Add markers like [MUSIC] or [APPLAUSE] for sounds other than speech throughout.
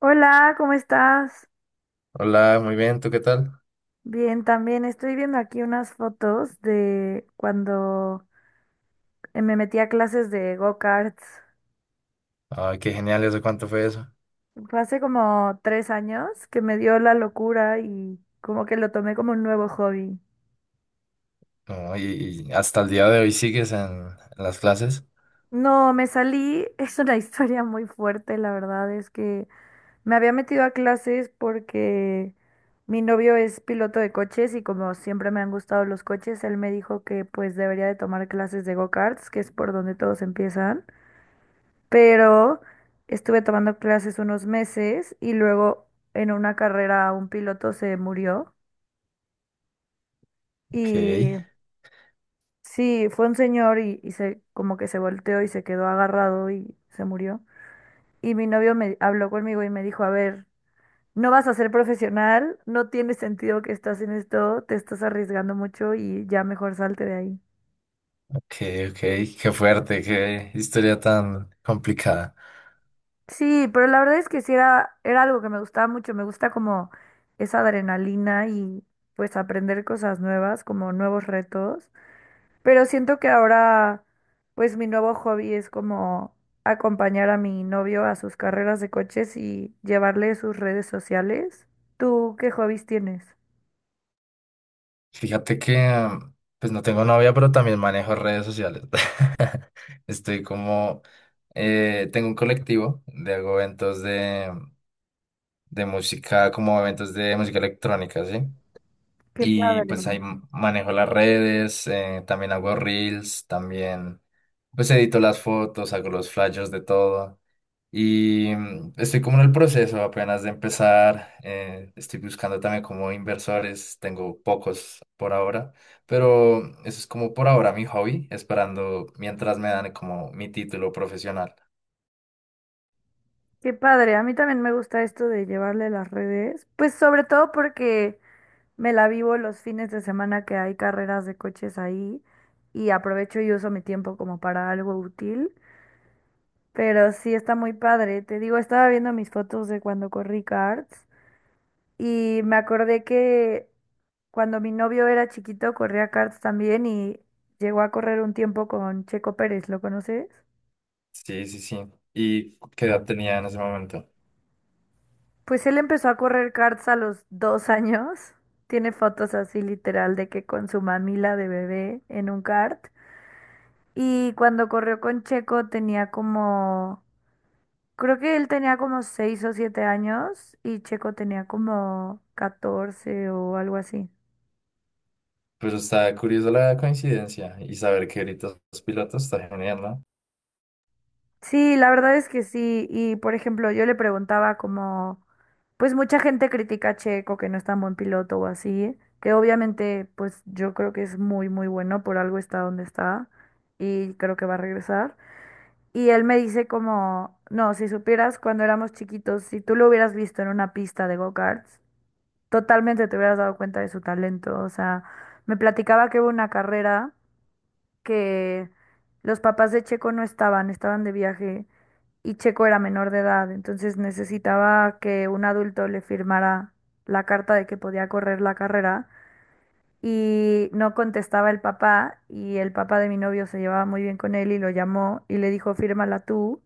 Hola, ¿cómo estás? Hola, muy bien, ¿tú qué tal? Bien, también estoy viendo aquí unas fotos de cuando me metí a clases de go-karts. Ay, qué genial, ¿eso cuánto fue eso? Fue hace como 3 años que me dio la locura y como que lo tomé como un nuevo hobby. No, y hasta el día de hoy sigues en las clases. No, me salí, [LAUGHS] es una historia muy fuerte, la verdad es que me había metido a clases porque mi novio es piloto de coches y como siempre me han gustado los coches, él me dijo que pues debería de tomar clases de go-karts, que es por donde todos empiezan. Pero estuve tomando clases unos meses y luego en una carrera un piloto se murió Ok, y sí, fue un señor y, se como que se volteó y se quedó agarrado y se murió. Y mi novio me habló conmigo y me dijo, a ver, no vas a ser profesional, no tiene sentido que estás en esto, te estás arriesgando mucho y ya mejor salte de ahí. ok, ok, qué fuerte, qué historia tan complicada. Sí, pero la verdad es que sí era algo que me gustaba mucho, me gusta como esa adrenalina y pues aprender cosas nuevas, como nuevos retos, pero siento que ahora pues mi nuevo hobby es como acompañar a mi novio a sus carreras de coches y llevarle sus redes sociales. ¿Tú qué hobbies tienes? Fíjate que, pues no tengo novia, pero también manejo redes sociales. [LAUGHS] Estoy como, tengo un colectivo de hago eventos de música, como eventos de música electrónica, ¿sí? Qué Y padre, pues ahí manejo las redes, también hago reels, también pues edito las fotos, hago los flyers de todo. Y estoy como en el proceso apenas de empezar. Eh, estoy buscando también como inversores, tengo pocos por ahora, pero eso es como por ahora mi hobby, esperando mientras me dan como mi título profesional. qué padre. A mí también me gusta esto de llevarle las redes, pues sobre todo porque me la vivo los fines de semana que hay carreras de coches ahí y aprovecho y uso mi tiempo como para algo útil. Pero sí está muy padre. Te digo, estaba viendo mis fotos de cuando corrí karts y me acordé que cuando mi novio era chiquito corría karts también y llegó a correr un tiempo con Checo Pérez. ¿Lo conoces? Sí, sí, sí. ¿Y qué edad tenía en ese momento? Pues él empezó a correr karts a los 2 años. Tiene fotos así literal de que con su mamila de bebé en un kart. Y cuando corrió con Checo tenía como, creo que él tenía como 6 o 7 años y Checo tenía como 14 o algo así. Pero está curiosa la coincidencia y saber que ahorita sos piloto está genial, no. Sí, la verdad es que sí. Y por ejemplo, yo le preguntaba como, pues mucha gente critica a Checo que no es tan buen piloto o así, que obviamente pues yo creo que es muy muy bueno, por algo está donde está y creo que va a regresar. Y él me dice como, no, si supieras cuando éramos chiquitos, si tú lo hubieras visto en una pista de go-karts. Totalmente te hubieras dado cuenta de su talento. O sea, me platicaba que hubo una carrera que los papás de Checo no estaban, estaban de viaje y Checo era menor de edad, entonces necesitaba que un adulto le firmara la carta de que podía correr la carrera y no contestaba el papá y el papá de mi novio se llevaba muy bien con él y lo llamó y le dijo, fírmala tú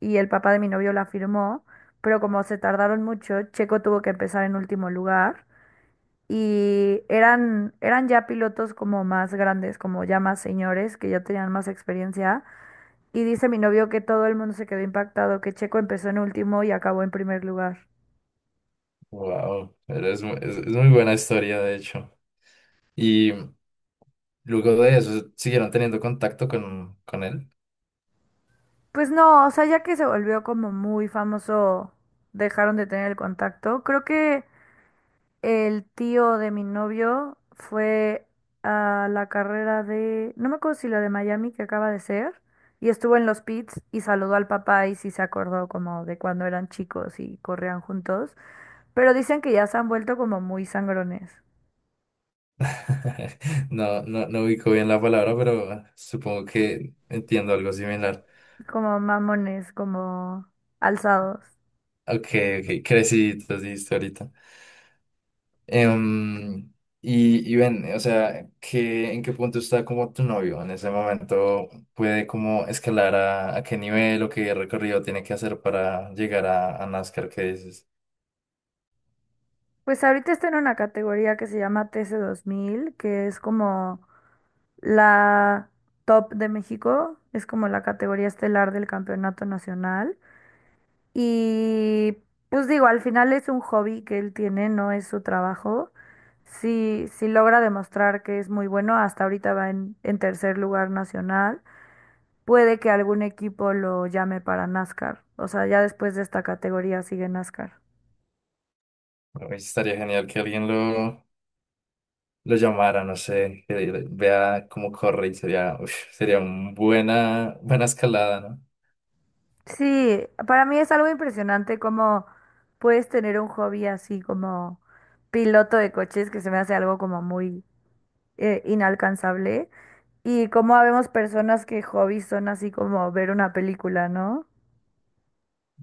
y el papá de mi novio la firmó, pero como se tardaron mucho, Checo tuvo que empezar en último lugar y eran, ya pilotos como más grandes, como ya más señores, que ya tenían más experiencia. Y dice mi novio que todo el mundo se quedó impactado, que Checo empezó en último y acabó en primer lugar. Wow, pero es, es muy buena historia, de hecho. Y luego de eso, ¿siguieron teniendo contacto con él? Pues no, o sea, ya que se volvió como muy famoso, dejaron de tener el contacto. Creo que el tío de mi novio fue a la carrera de, no me acuerdo si la de Miami que acaba de ser, y estuvo en los pits y saludó al papá y sí se acordó como de cuando eran chicos y corrían juntos, pero dicen que ya se han vuelto como muy sangrones, [LAUGHS] No, no, no ubico bien la palabra, pero supongo que entiendo algo similar. como mamones, como alzados. Ok, ok, creciditos, dijiste ahorita. Em, y ven, o sea, ¿qué, en qué punto está como tu novio en ese momento? ¿Puede como escalar a qué nivel o qué recorrido tiene que hacer para llegar a NASCAR? ¿Qué dices? Pues ahorita está en una categoría que se llama tc mil que es como la top de México, es como la categoría estelar del campeonato nacional. Y pues digo, al final es un hobby que él tiene, no es su trabajo. Si, si logra demostrar que es muy bueno, hasta ahorita va en, tercer lugar nacional, puede que algún equipo lo llame para NASCAR. O sea, ya después de esta categoría sigue NASCAR. Uy, estaría genial que alguien lo llamara, no sé, vea cómo corre y sería, uf, sería una buena, buena escalada, ¿no? Sí, para mí es algo impresionante cómo puedes tener un hobby así como piloto de coches, que se me hace algo como muy inalcanzable. Y cómo habemos personas que hobbies son así como ver una película, ¿no?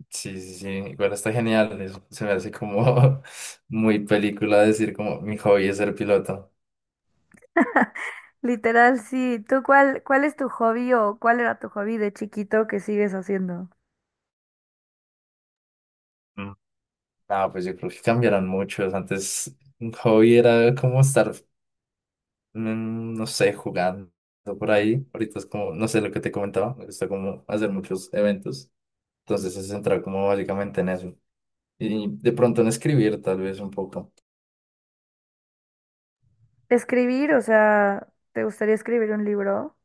Sí, sí, sí, igual está genial, se me hace como [LAUGHS] muy película decir como mi hobby es ser piloto. Literal, sí. ¿Tú cuál, es tu hobby o cuál era tu hobby de chiquito que sigues haciendo? Mm. No, pues yo creo que cambiarán muchos, antes un hobby era como estar, no sé, jugando por ahí, ahorita es como, no sé lo que te comentaba, me gusta como hacer muchos eventos, entonces se centra como básicamente en eso. Y de pronto en escribir, tal vez un poco. Escribir, o sea, ¿te gustaría escribir un libro?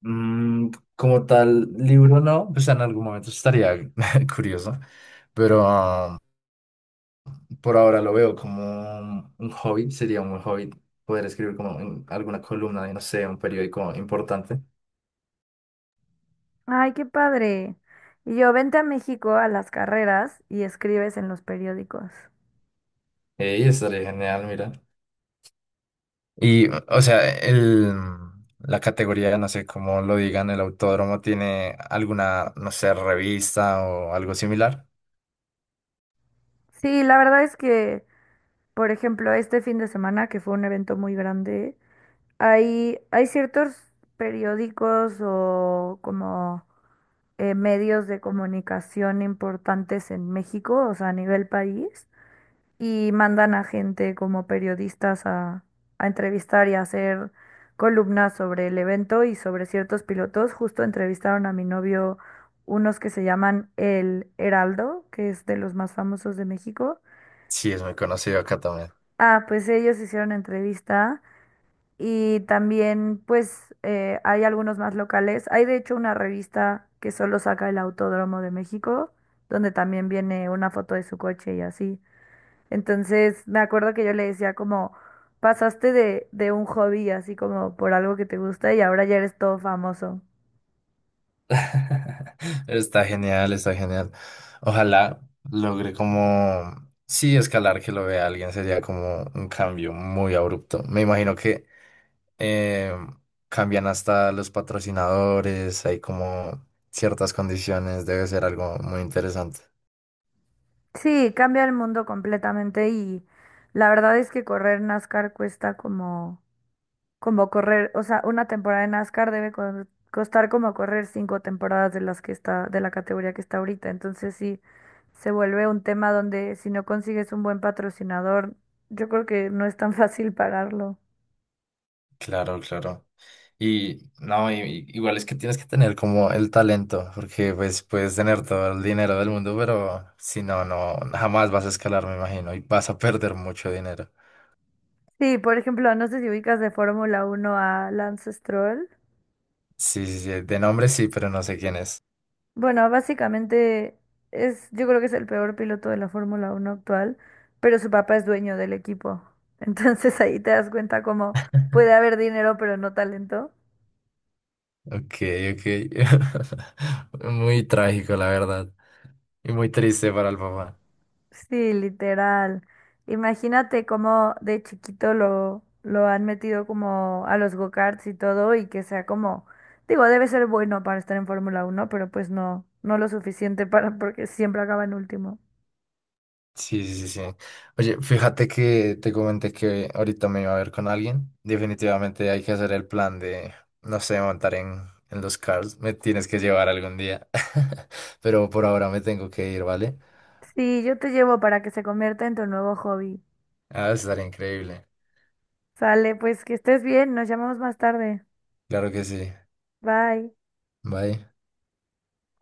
Mm, como tal, libro no, pues en algún momento estaría [LAUGHS] curioso, pero por ahora lo veo como un hobby, sería un buen hobby poder escribir como en alguna columna de, no sé, un periódico importante. Ay, qué padre. Y yo, vente a México a las carreras y escribes en los periódicos. Y estaría genial, mira. Y, o sea, el, la categoría, no sé cómo lo digan, el autódromo tiene alguna, no sé, revista o algo similar. Sí, la verdad es que, por ejemplo, este fin de semana, que fue un evento muy grande, hay, ciertos periódicos o como medios de comunicación importantes en México, o sea, a nivel país, y mandan a gente como periodistas a entrevistar y a hacer columnas sobre el evento y sobre ciertos pilotos. Justo entrevistaron a mi novio unos que se llaman El Heraldo, que es de los más famosos de México. Sí, es muy conocido acá. Ah, pues ellos hicieron entrevista y también, pues, hay algunos más locales. Hay de hecho una revista que solo saca el Autódromo de México, donde también viene una foto de su coche y así. Entonces, me acuerdo que yo le decía como, pasaste de un hobby así como por algo que te gusta y ahora ya eres todo famoso. [LAUGHS] Está genial, está genial. Ojalá logre como, sí, escalar que lo vea alguien sería como un cambio muy abrupto. Me imagino que eh, cambian hasta los patrocinadores, hay como ciertas condiciones, debe ser algo muy interesante. Sí, cambia el mundo completamente y la verdad es que correr NASCAR cuesta como... como correr, o sea, una temporada de NASCAR debe costar como correr 5 temporadas de las que está, de la categoría que está ahorita. Entonces sí, se vuelve un tema donde si no consigues un buen patrocinador, yo creo que no es tan [LAUGHS] fácil pararlo. Claro, claro. Y no, y igual es que tienes que tener como el talento, porque pues puedes tener todo el dinero del mundo, pero si no, no, jamás vas a escalar, me imagino, y vas a perder mucho dinero. Sí, por ejemplo, no sé si ubicas de Fórmula Uno a Lance Stroll. Sí, sí, sí, de nombre sí, pero no sé quién es. Bueno, básicamente es, yo creo que es el peor piloto de la Fórmula Uno actual, pero su papá es dueño del equipo. [LAUGHS] Entonces ahí te das cuenta cómo puede haber dinero, pero no talento. Ok, ok. [LAUGHS] Muy trágico, la verdad. Y muy triste para el papá. Sí, literal. Imagínate cómo de chiquito lo, han metido como a los go-karts y todo y que sea como, digo, debe ser bueno para estar en Fórmula uno pero pues no, no lo suficiente para porque siempre acaba en último. Sí, sí, sí. Sí. Oye, fíjate que te comenté que ahorita me iba a ver con alguien. Definitivamente hay que hacer el plan de, no sé, montar en los cars. Me tienes que llevar algún día. [LAUGHS] Pero por ahora me tengo que ir, ¿vale? Sí, yo te llevo para que se convierta en tu nuevo hobby. Ah, estaría increíble. Sale, pues que estés bien, nos llamamos más tarde. Claro que sí. Bye. Bye.